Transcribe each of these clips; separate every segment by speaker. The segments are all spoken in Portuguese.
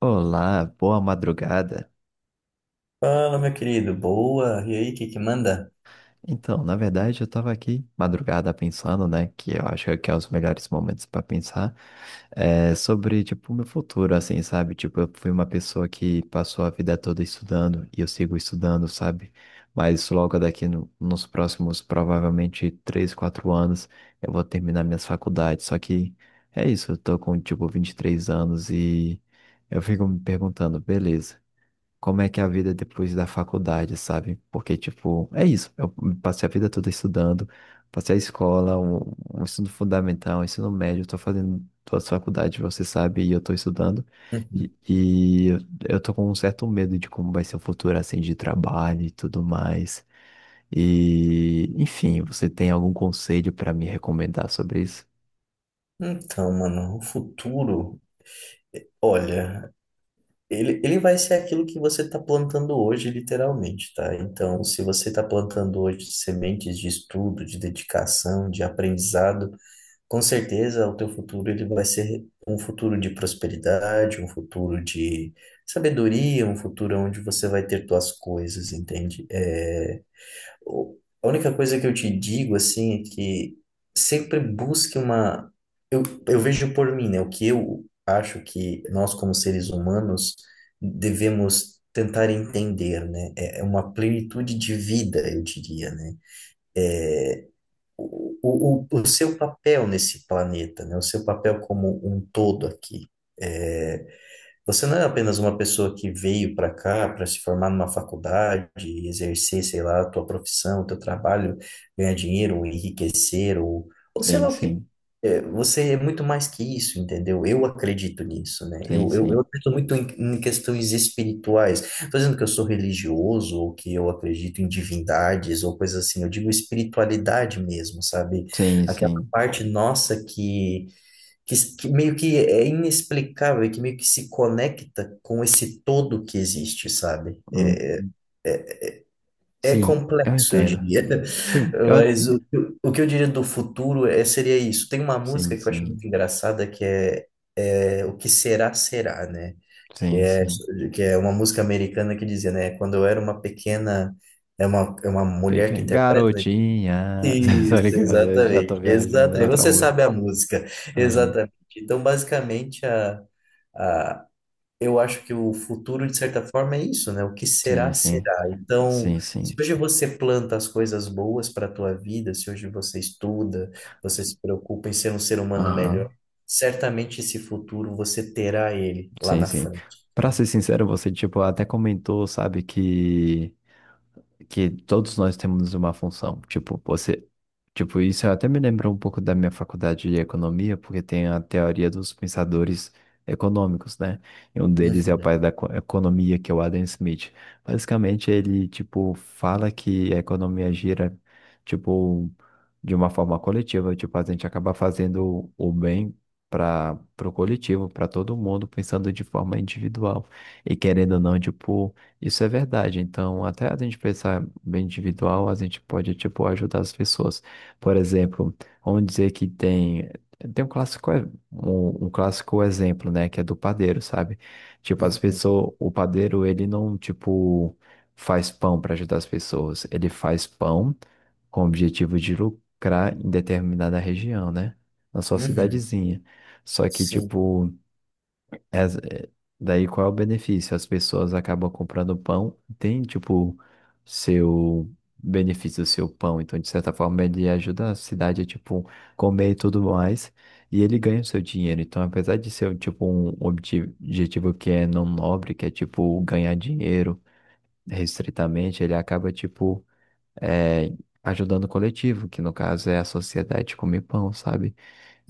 Speaker 1: Olá, boa madrugada.
Speaker 2: Fala, meu querido, boa. E aí, o que manda?
Speaker 1: Então, na verdade, eu tava aqui madrugada pensando, né, que eu acho que é os melhores momentos para pensar, é, sobre, tipo, o meu futuro, assim, sabe? Tipo, eu fui uma pessoa que passou a vida toda estudando e eu sigo estudando, sabe? Mas logo daqui nos próximos, provavelmente, 3, 4 anos, eu vou terminar minhas faculdades. Só que é isso, eu tô com, tipo, 23 anos e eu fico me perguntando, beleza, como é que é a vida depois da faculdade, sabe? Porque, tipo, é isso. Eu passei a vida toda estudando, passei a escola, um ensino fundamental, um ensino médio, estou fazendo todas as faculdades, você sabe, e eu estou estudando. E,
Speaker 2: Uhum.
Speaker 1: e eu eu tô com um certo medo de como vai ser o futuro, assim, de trabalho e tudo mais. E, enfim, você tem algum conselho para me recomendar sobre isso?
Speaker 2: Então, mano, o futuro, olha, ele vai ser aquilo que você está plantando hoje, literalmente, tá? Então, se você está plantando hoje sementes de estudo, de dedicação, de aprendizado, com certeza o teu futuro ele vai ser um futuro de prosperidade, um futuro de sabedoria, um futuro onde você vai ter tuas coisas, entende? A única coisa que eu te digo, assim, é que sempre busque uma. Eu, eu vejo por mim, né? O que eu acho que nós, como seres humanos, devemos tentar entender, né? É uma plenitude de vida, eu diria, né? O seu papel nesse planeta, né? O seu papel como um todo aqui. é, Você não é apenas uma pessoa que veio para cá para se formar numa faculdade, e exercer, sei lá, a tua profissão, o teu trabalho, ganhar dinheiro, ou enriquecer, ou sei
Speaker 1: Sim,
Speaker 2: lá o que.
Speaker 1: sim,
Speaker 2: É, você é muito mais que isso, entendeu? Eu acredito nisso, né?
Speaker 1: sim,
Speaker 2: Eu
Speaker 1: sim,
Speaker 2: acredito muito em, em questões espirituais. Estou dizendo que eu sou religioso, ou que eu acredito em divindades, ou coisas assim. Eu digo espiritualidade mesmo, sabe?
Speaker 1: sim,
Speaker 2: Aquela
Speaker 1: sim.
Speaker 2: parte nossa que meio que é inexplicável, e que meio que se conecta com esse todo que existe, sabe?
Speaker 1: Hum,
Speaker 2: É
Speaker 1: sim, eu
Speaker 2: complexo, eu
Speaker 1: entendo.
Speaker 2: diria.
Speaker 1: Sim, eu,
Speaker 2: Mas o que eu diria do futuro é, seria isso. Tem uma
Speaker 1: sim,
Speaker 2: música que eu acho muito
Speaker 1: sim,
Speaker 2: engraçada que é, é O que será, será, né? Que
Speaker 1: sim,
Speaker 2: é,
Speaker 1: sim.
Speaker 2: que é uma música americana que dizia, né? Quando eu era uma pequena. É uma mulher
Speaker 1: Peque-
Speaker 2: que interpreta, né?
Speaker 1: Garotinha. Tá
Speaker 2: Isso,
Speaker 1: ligado? Eu já tô
Speaker 2: exatamente,
Speaker 1: viajando, é
Speaker 2: exatamente.
Speaker 1: outra
Speaker 2: Você
Speaker 1: música.
Speaker 2: sabe a música,
Speaker 1: Aham.
Speaker 2: exatamente. Então, basicamente, a, eu acho que o futuro, de certa forma, é isso, né? O que
Speaker 1: Sim,
Speaker 2: será,
Speaker 1: sim.
Speaker 2: será. Então,
Speaker 1: Sim,
Speaker 2: se
Speaker 1: sim.
Speaker 2: hoje você planta as coisas boas para a tua vida, se hoje você estuda, você se preocupa em ser um ser humano melhor,
Speaker 1: Aham.
Speaker 2: certamente esse futuro você terá ele lá
Speaker 1: Sim,
Speaker 2: na
Speaker 1: sim.
Speaker 2: frente,
Speaker 1: Pra ser
Speaker 2: entende?
Speaker 1: sincero, você, tipo, até comentou, sabe, que todos nós temos uma função. Tipo, você. Tipo, isso até me lembrou um pouco da minha faculdade de economia, porque tem a teoria dos pensadores econômicos, né? E um deles é o
Speaker 2: Uhum,
Speaker 1: pai da economia, que é o Adam Smith. Basicamente, ele, tipo, fala que a economia gira, tipo, de uma forma coletiva. Tipo, a gente acaba fazendo o bem para o coletivo, para todo mundo, pensando de forma individual. E querendo ou não, tipo, isso é verdade. Então, até a gente pensar bem individual, a gente pode, tipo, ajudar as pessoas. Por exemplo, vamos dizer que tem, tem um clássico, um clássico exemplo, né, que é do padeiro, sabe? Tipo, as
Speaker 2: uhum,
Speaker 1: pessoas, o padeiro, ele não, tipo, faz pão para ajudar as pessoas. Ele faz pão com o objetivo de lucrar em determinada região, né? Na sua
Speaker 2: uhum,
Speaker 1: cidadezinha. Só que,
Speaker 2: sim,
Speaker 1: tipo, as- é, daí qual é o benefício? As pessoas acabam comprando pão, tem tipo seu benefício, seu pão, então de certa forma ele ajuda a cidade a tipo comer e tudo mais, e ele ganha o seu dinheiro. Então, apesar de ser um, tipo um objetivo que é não nobre, que é tipo ganhar dinheiro restritamente, ele acaba tipo, é, ajudando o coletivo, que no caso é a sociedade comer pão, sabe?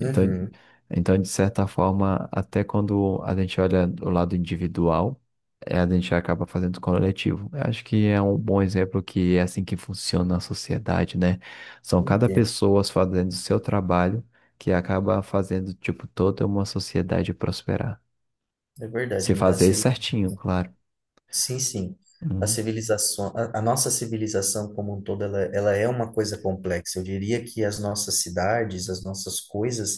Speaker 1: Então, então, de certa forma, até quando a gente olha o lado individual, é, a gente acaba fazendo coletivo. Eu acho que é um bom exemplo que é assim que funciona a sociedade, né? São cada
Speaker 2: entendo.
Speaker 1: pessoa fazendo o seu trabalho que acaba fazendo, tipo, toda uma sociedade prosperar.
Speaker 2: É
Speaker 1: Se
Speaker 2: verdade, né?
Speaker 1: fazer
Speaker 2: Assim,
Speaker 1: certinho, claro.
Speaker 2: sim, sim. A
Speaker 1: Uhum,
Speaker 2: civilização, a nossa civilização como um todo, ela é uma coisa complexa. Eu diria que as nossas cidades, as nossas coisas,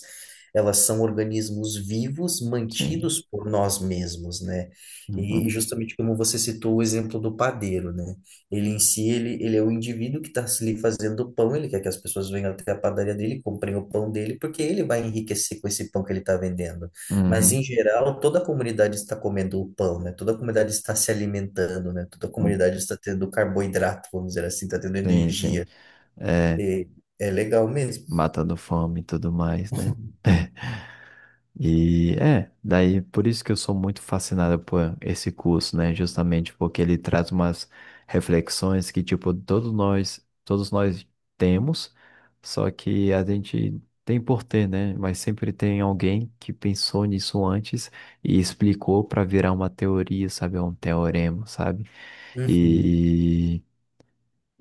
Speaker 2: elas são organismos vivos
Speaker 1: sim.
Speaker 2: mantidos por nós mesmos, né? E
Speaker 1: Uhum,
Speaker 2: justamente como você citou o exemplo do padeiro, né? Ele em si, ele é o indivíduo que está ali fazendo o pão, ele quer que as pessoas venham até a padaria dele, comprem o pão dele, porque ele vai enriquecer com esse pão que ele está vendendo. Mas,
Speaker 1: uhum,
Speaker 2: em geral, toda a comunidade está comendo o pão, né? Toda a comunidade está se alimentando, né? Toda a
Speaker 1: uhum.
Speaker 2: comunidade está tendo carboidrato, vamos dizer assim, está tendo
Speaker 1: Sim, sim.
Speaker 2: energia.
Speaker 1: É,
Speaker 2: E é legal mesmo.
Speaker 1: matando fome e tudo mais, né? E é, daí por isso que eu sou muito fascinado por esse curso, né? Justamente porque ele traz umas reflexões que, tipo, todos nós temos, só que a gente tem por ter, né? Mas sempre tem alguém que pensou nisso antes e explicou para virar uma teoria, sabe? Um teorema, sabe?
Speaker 2: Uhum,
Speaker 1: E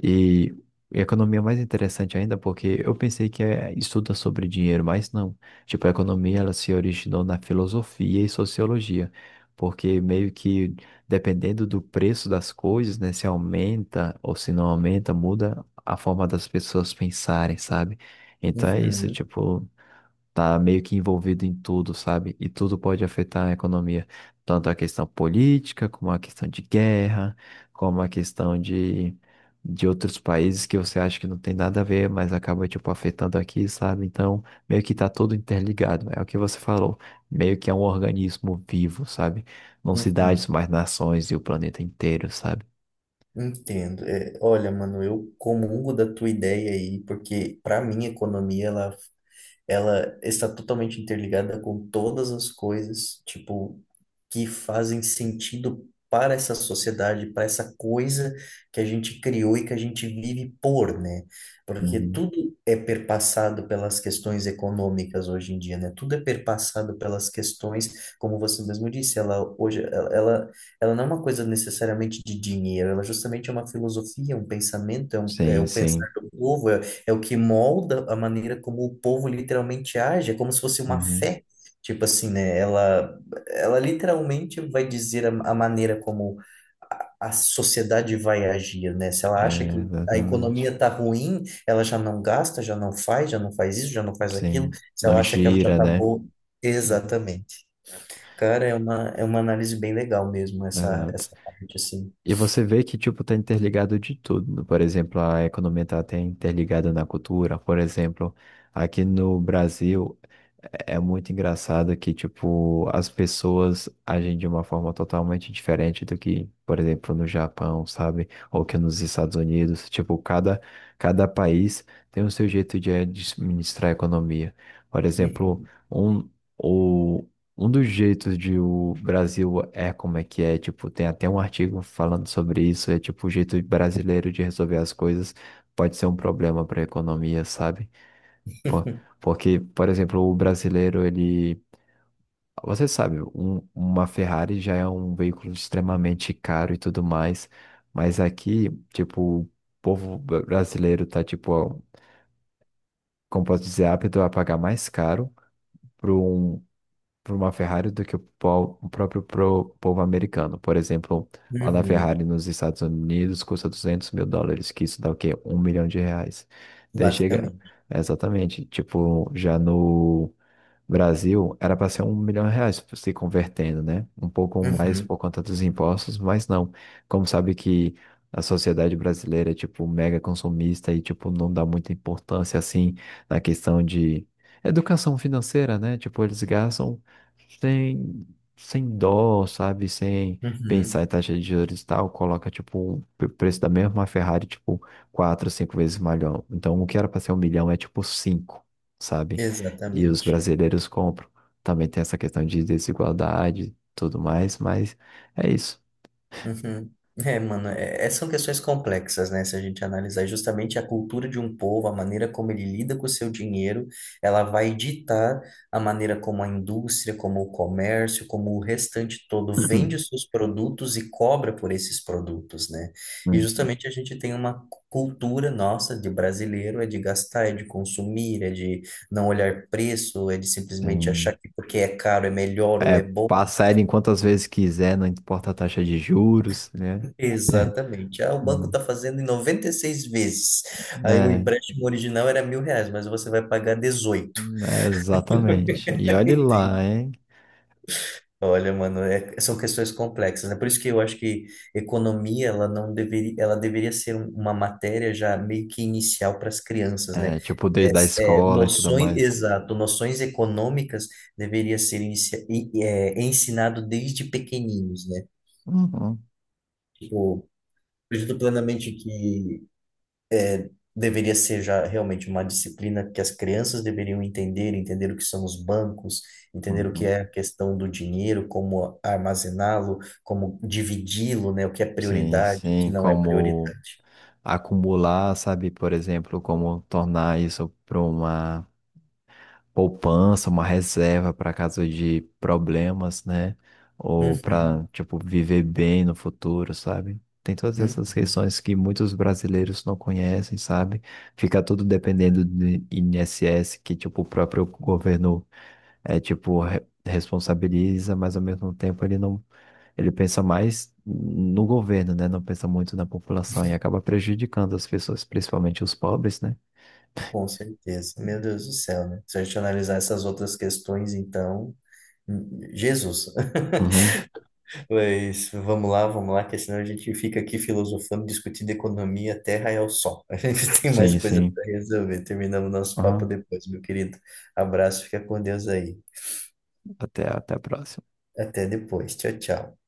Speaker 1: e economia é mais interessante ainda porque eu pensei que é, estuda sobre dinheiro, mas não. Tipo, a economia ela se originou na filosofia e sociologia, porque meio que dependendo do preço das coisas, né, se aumenta ou se não aumenta, muda a forma das pessoas pensarem, sabe? Então é isso,
Speaker 2: uhum,
Speaker 1: tipo, tá meio que envolvido em tudo, sabe? E tudo pode afetar a economia, tanto a questão política, como a questão de guerra, como a questão de outros países que você acha que não tem nada a ver, mas acaba, tipo, afetando aqui, sabe? Então, meio que tá tudo interligado, né? É o que você falou, meio que é um organismo vivo, sabe? Não cidades,
Speaker 2: uhum.
Speaker 1: mas nações e o planeta inteiro, sabe?
Speaker 2: Entendo. É, olha, mano, eu comungo da tua ideia aí, porque para mim a economia ela está totalmente interligada com todas as coisas, tipo, que fazem sentido para essa sociedade, para essa coisa que a gente criou e que a gente vive por, né? Porque
Speaker 1: Uhum.
Speaker 2: tudo é perpassado pelas questões econômicas hoje em dia, né? Tudo é perpassado pelas questões, como você mesmo disse, ela ela não é uma coisa necessariamente de dinheiro, ela justamente é uma filosofia, um pensamento, é
Speaker 1: Sim,
Speaker 2: o pensar
Speaker 1: sim.
Speaker 2: do povo, é o que molda a maneira como o povo literalmente age, é como se fosse uma
Speaker 1: Uhum.
Speaker 2: fé. Tipo assim, né? Ela literalmente vai dizer a maneira como a sociedade vai agir, né? Se ela acha
Speaker 1: É,
Speaker 2: que a
Speaker 1: exatamente.
Speaker 2: economia tá ruim, ela já não gasta, já não faz isso, já não faz aquilo.
Speaker 1: Sim.
Speaker 2: Se
Speaker 1: Não
Speaker 2: ela acha que ela já
Speaker 1: gira,
Speaker 2: tá
Speaker 1: né?
Speaker 2: boa.
Speaker 1: Uhum.
Speaker 2: Exatamente. Cara, é uma análise bem legal mesmo,
Speaker 1: Exato.
Speaker 2: essa parte, assim.
Speaker 1: E você vê que, tipo, tá interligado de tudo, né? Por exemplo, a economia tá até interligada na cultura. Por exemplo, aqui no Brasil, é é muito engraçado que, tipo, as pessoas agem de uma forma totalmente diferente do que, por exemplo, no Japão, sabe? Ou que nos Estados Unidos. Tipo, cada, cada país tem o seu jeito de administrar a economia. Por exemplo, um, o, um dos jeitos de o Brasil é como é que é, tipo, tem até um artigo falando sobre isso, é tipo, o jeito brasileiro de resolver as coisas pode ser um problema para a economia, sabe? Pô, porque, por exemplo, o brasileiro, ele, você sabe, uma Ferrari já é um veículo extremamente caro e tudo mais, mas aqui, tipo, o povo brasileiro tá, tipo, como posso dizer, apto a pagar mais caro por um, por uma Ferrari do que o próprio povo americano. Por exemplo, lá na
Speaker 2: Uhum,
Speaker 1: Ferrari nos Estados Unidos custa US$ 200 mil, que isso dá o quê? R$ 1 milhão. Daí chega.
Speaker 2: basicamente.
Speaker 1: Exatamente. Tipo, já no Brasil era para ser R$ 1 milhão se convertendo, né? Um pouco mais por
Speaker 2: Uhum,
Speaker 1: conta dos impostos, mas não. Como sabe que a sociedade brasileira é tipo mega consumista e tipo não dá muita importância assim na questão de educação financeira, né? Tipo eles gastam sem sem dó, sabe? Sem pensar
Speaker 2: uhum,
Speaker 1: em taxa de juros e tal, coloca tipo o preço da mesma Ferrari tipo 4, 5 vezes maior. Então o que era para ser 1 milhão é tipo cinco, sabe? E os
Speaker 2: exatamente.
Speaker 1: brasileiros compram. Também tem essa questão de desigualdade e tudo mais, mas é isso.
Speaker 2: Uhum. É, mano, são questões complexas, né? Se a gente analisar justamente a cultura de um povo, a maneira como ele lida com o seu dinheiro, ela vai ditar a maneira como a indústria, como o comércio, como o restante todo vende
Speaker 1: Uhum.
Speaker 2: os seus produtos e cobra por esses produtos, né? E
Speaker 1: Hum,
Speaker 2: justamente a gente tem uma cultura nossa de brasileiro, é de gastar, é de consumir, é de não olhar preço, é de simplesmente
Speaker 1: tem...
Speaker 2: achar que porque é caro é melhor ou
Speaker 1: É,
Speaker 2: é bom.
Speaker 1: passar ele em quantas vezes quiser, não importa a taxa de juros, né?
Speaker 2: Exatamente. Ah, o banco
Speaker 1: Hum,
Speaker 2: está fazendo em 96 vezes. Aí o
Speaker 1: é,
Speaker 2: empréstimo original era 1.000 reais, mas você vai pagar dezoito.
Speaker 1: é, exatamente. E olhe lá,
Speaker 2: Entende?
Speaker 1: hein?
Speaker 2: Olha, mano, é- são questões complexas, né? Por isso que eu acho que economia, ela não deveria, ela deveria ser uma matéria já meio que inicial para as crianças, né?
Speaker 1: É, tipo, desde a
Speaker 2: É, é,
Speaker 1: escola e tudo
Speaker 2: noções,
Speaker 1: mais.
Speaker 2: exato, noções econômicas deveria ser é, ensinado desde pequeninos, né?
Speaker 1: Uhum,
Speaker 2: Tipo, acredito plenamente que deveria ser já realmente uma disciplina que as crianças deveriam entender, entender o que são os bancos, entender o que
Speaker 1: uhum.
Speaker 2: é a questão do dinheiro, como armazená-lo, como dividi-lo, né? O que é
Speaker 1: Sim,
Speaker 2: prioridade, o que
Speaker 1: sim,
Speaker 2: não é
Speaker 1: como
Speaker 2: prioridade.
Speaker 1: acumular, sabe? Por exemplo, como tornar isso para uma poupança, uma reserva para caso de problemas, né? Ou
Speaker 2: Uhum,
Speaker 1: para, tipo, viver bem no futuro, sabe? Tem todas
Speaker 2: uhum,
Speaker 1: essas questões que muitos brasileiros não conhecem, sabe? Fica tudo dependendo do INSS, que, tipo, o próprio governo é, tipo, responsabiliza, mas ao mesmo tempo ele não, ele pensa mais no governo, né? Não pensa muito na população e acaba prejudicando as pessoas, principalmente os pobres, né?
Speaker 2: com certeza. Meu Deus do céu, né? Se a gente analisar essas outras questões, então, Jesus.
Speaker 1: Uhum.
Speaker 2: Mas vamos lá, que senão a gente fica aqui filosofando, discutindo economia, a terra é o sol. A gente tem mais
Speaker 1: Sim,
Speaker 2: coisa
Speaker 1: sim.
Speaker 2: para resolver. Terminamos nosso papo
Speaker 1: Uhum.
Speaker 2: depois, meu querido. Abraço, fica com Deus aí.
Speaker 1: Até a próxima.
Speaker 2: Até depois. Tchau, tchau.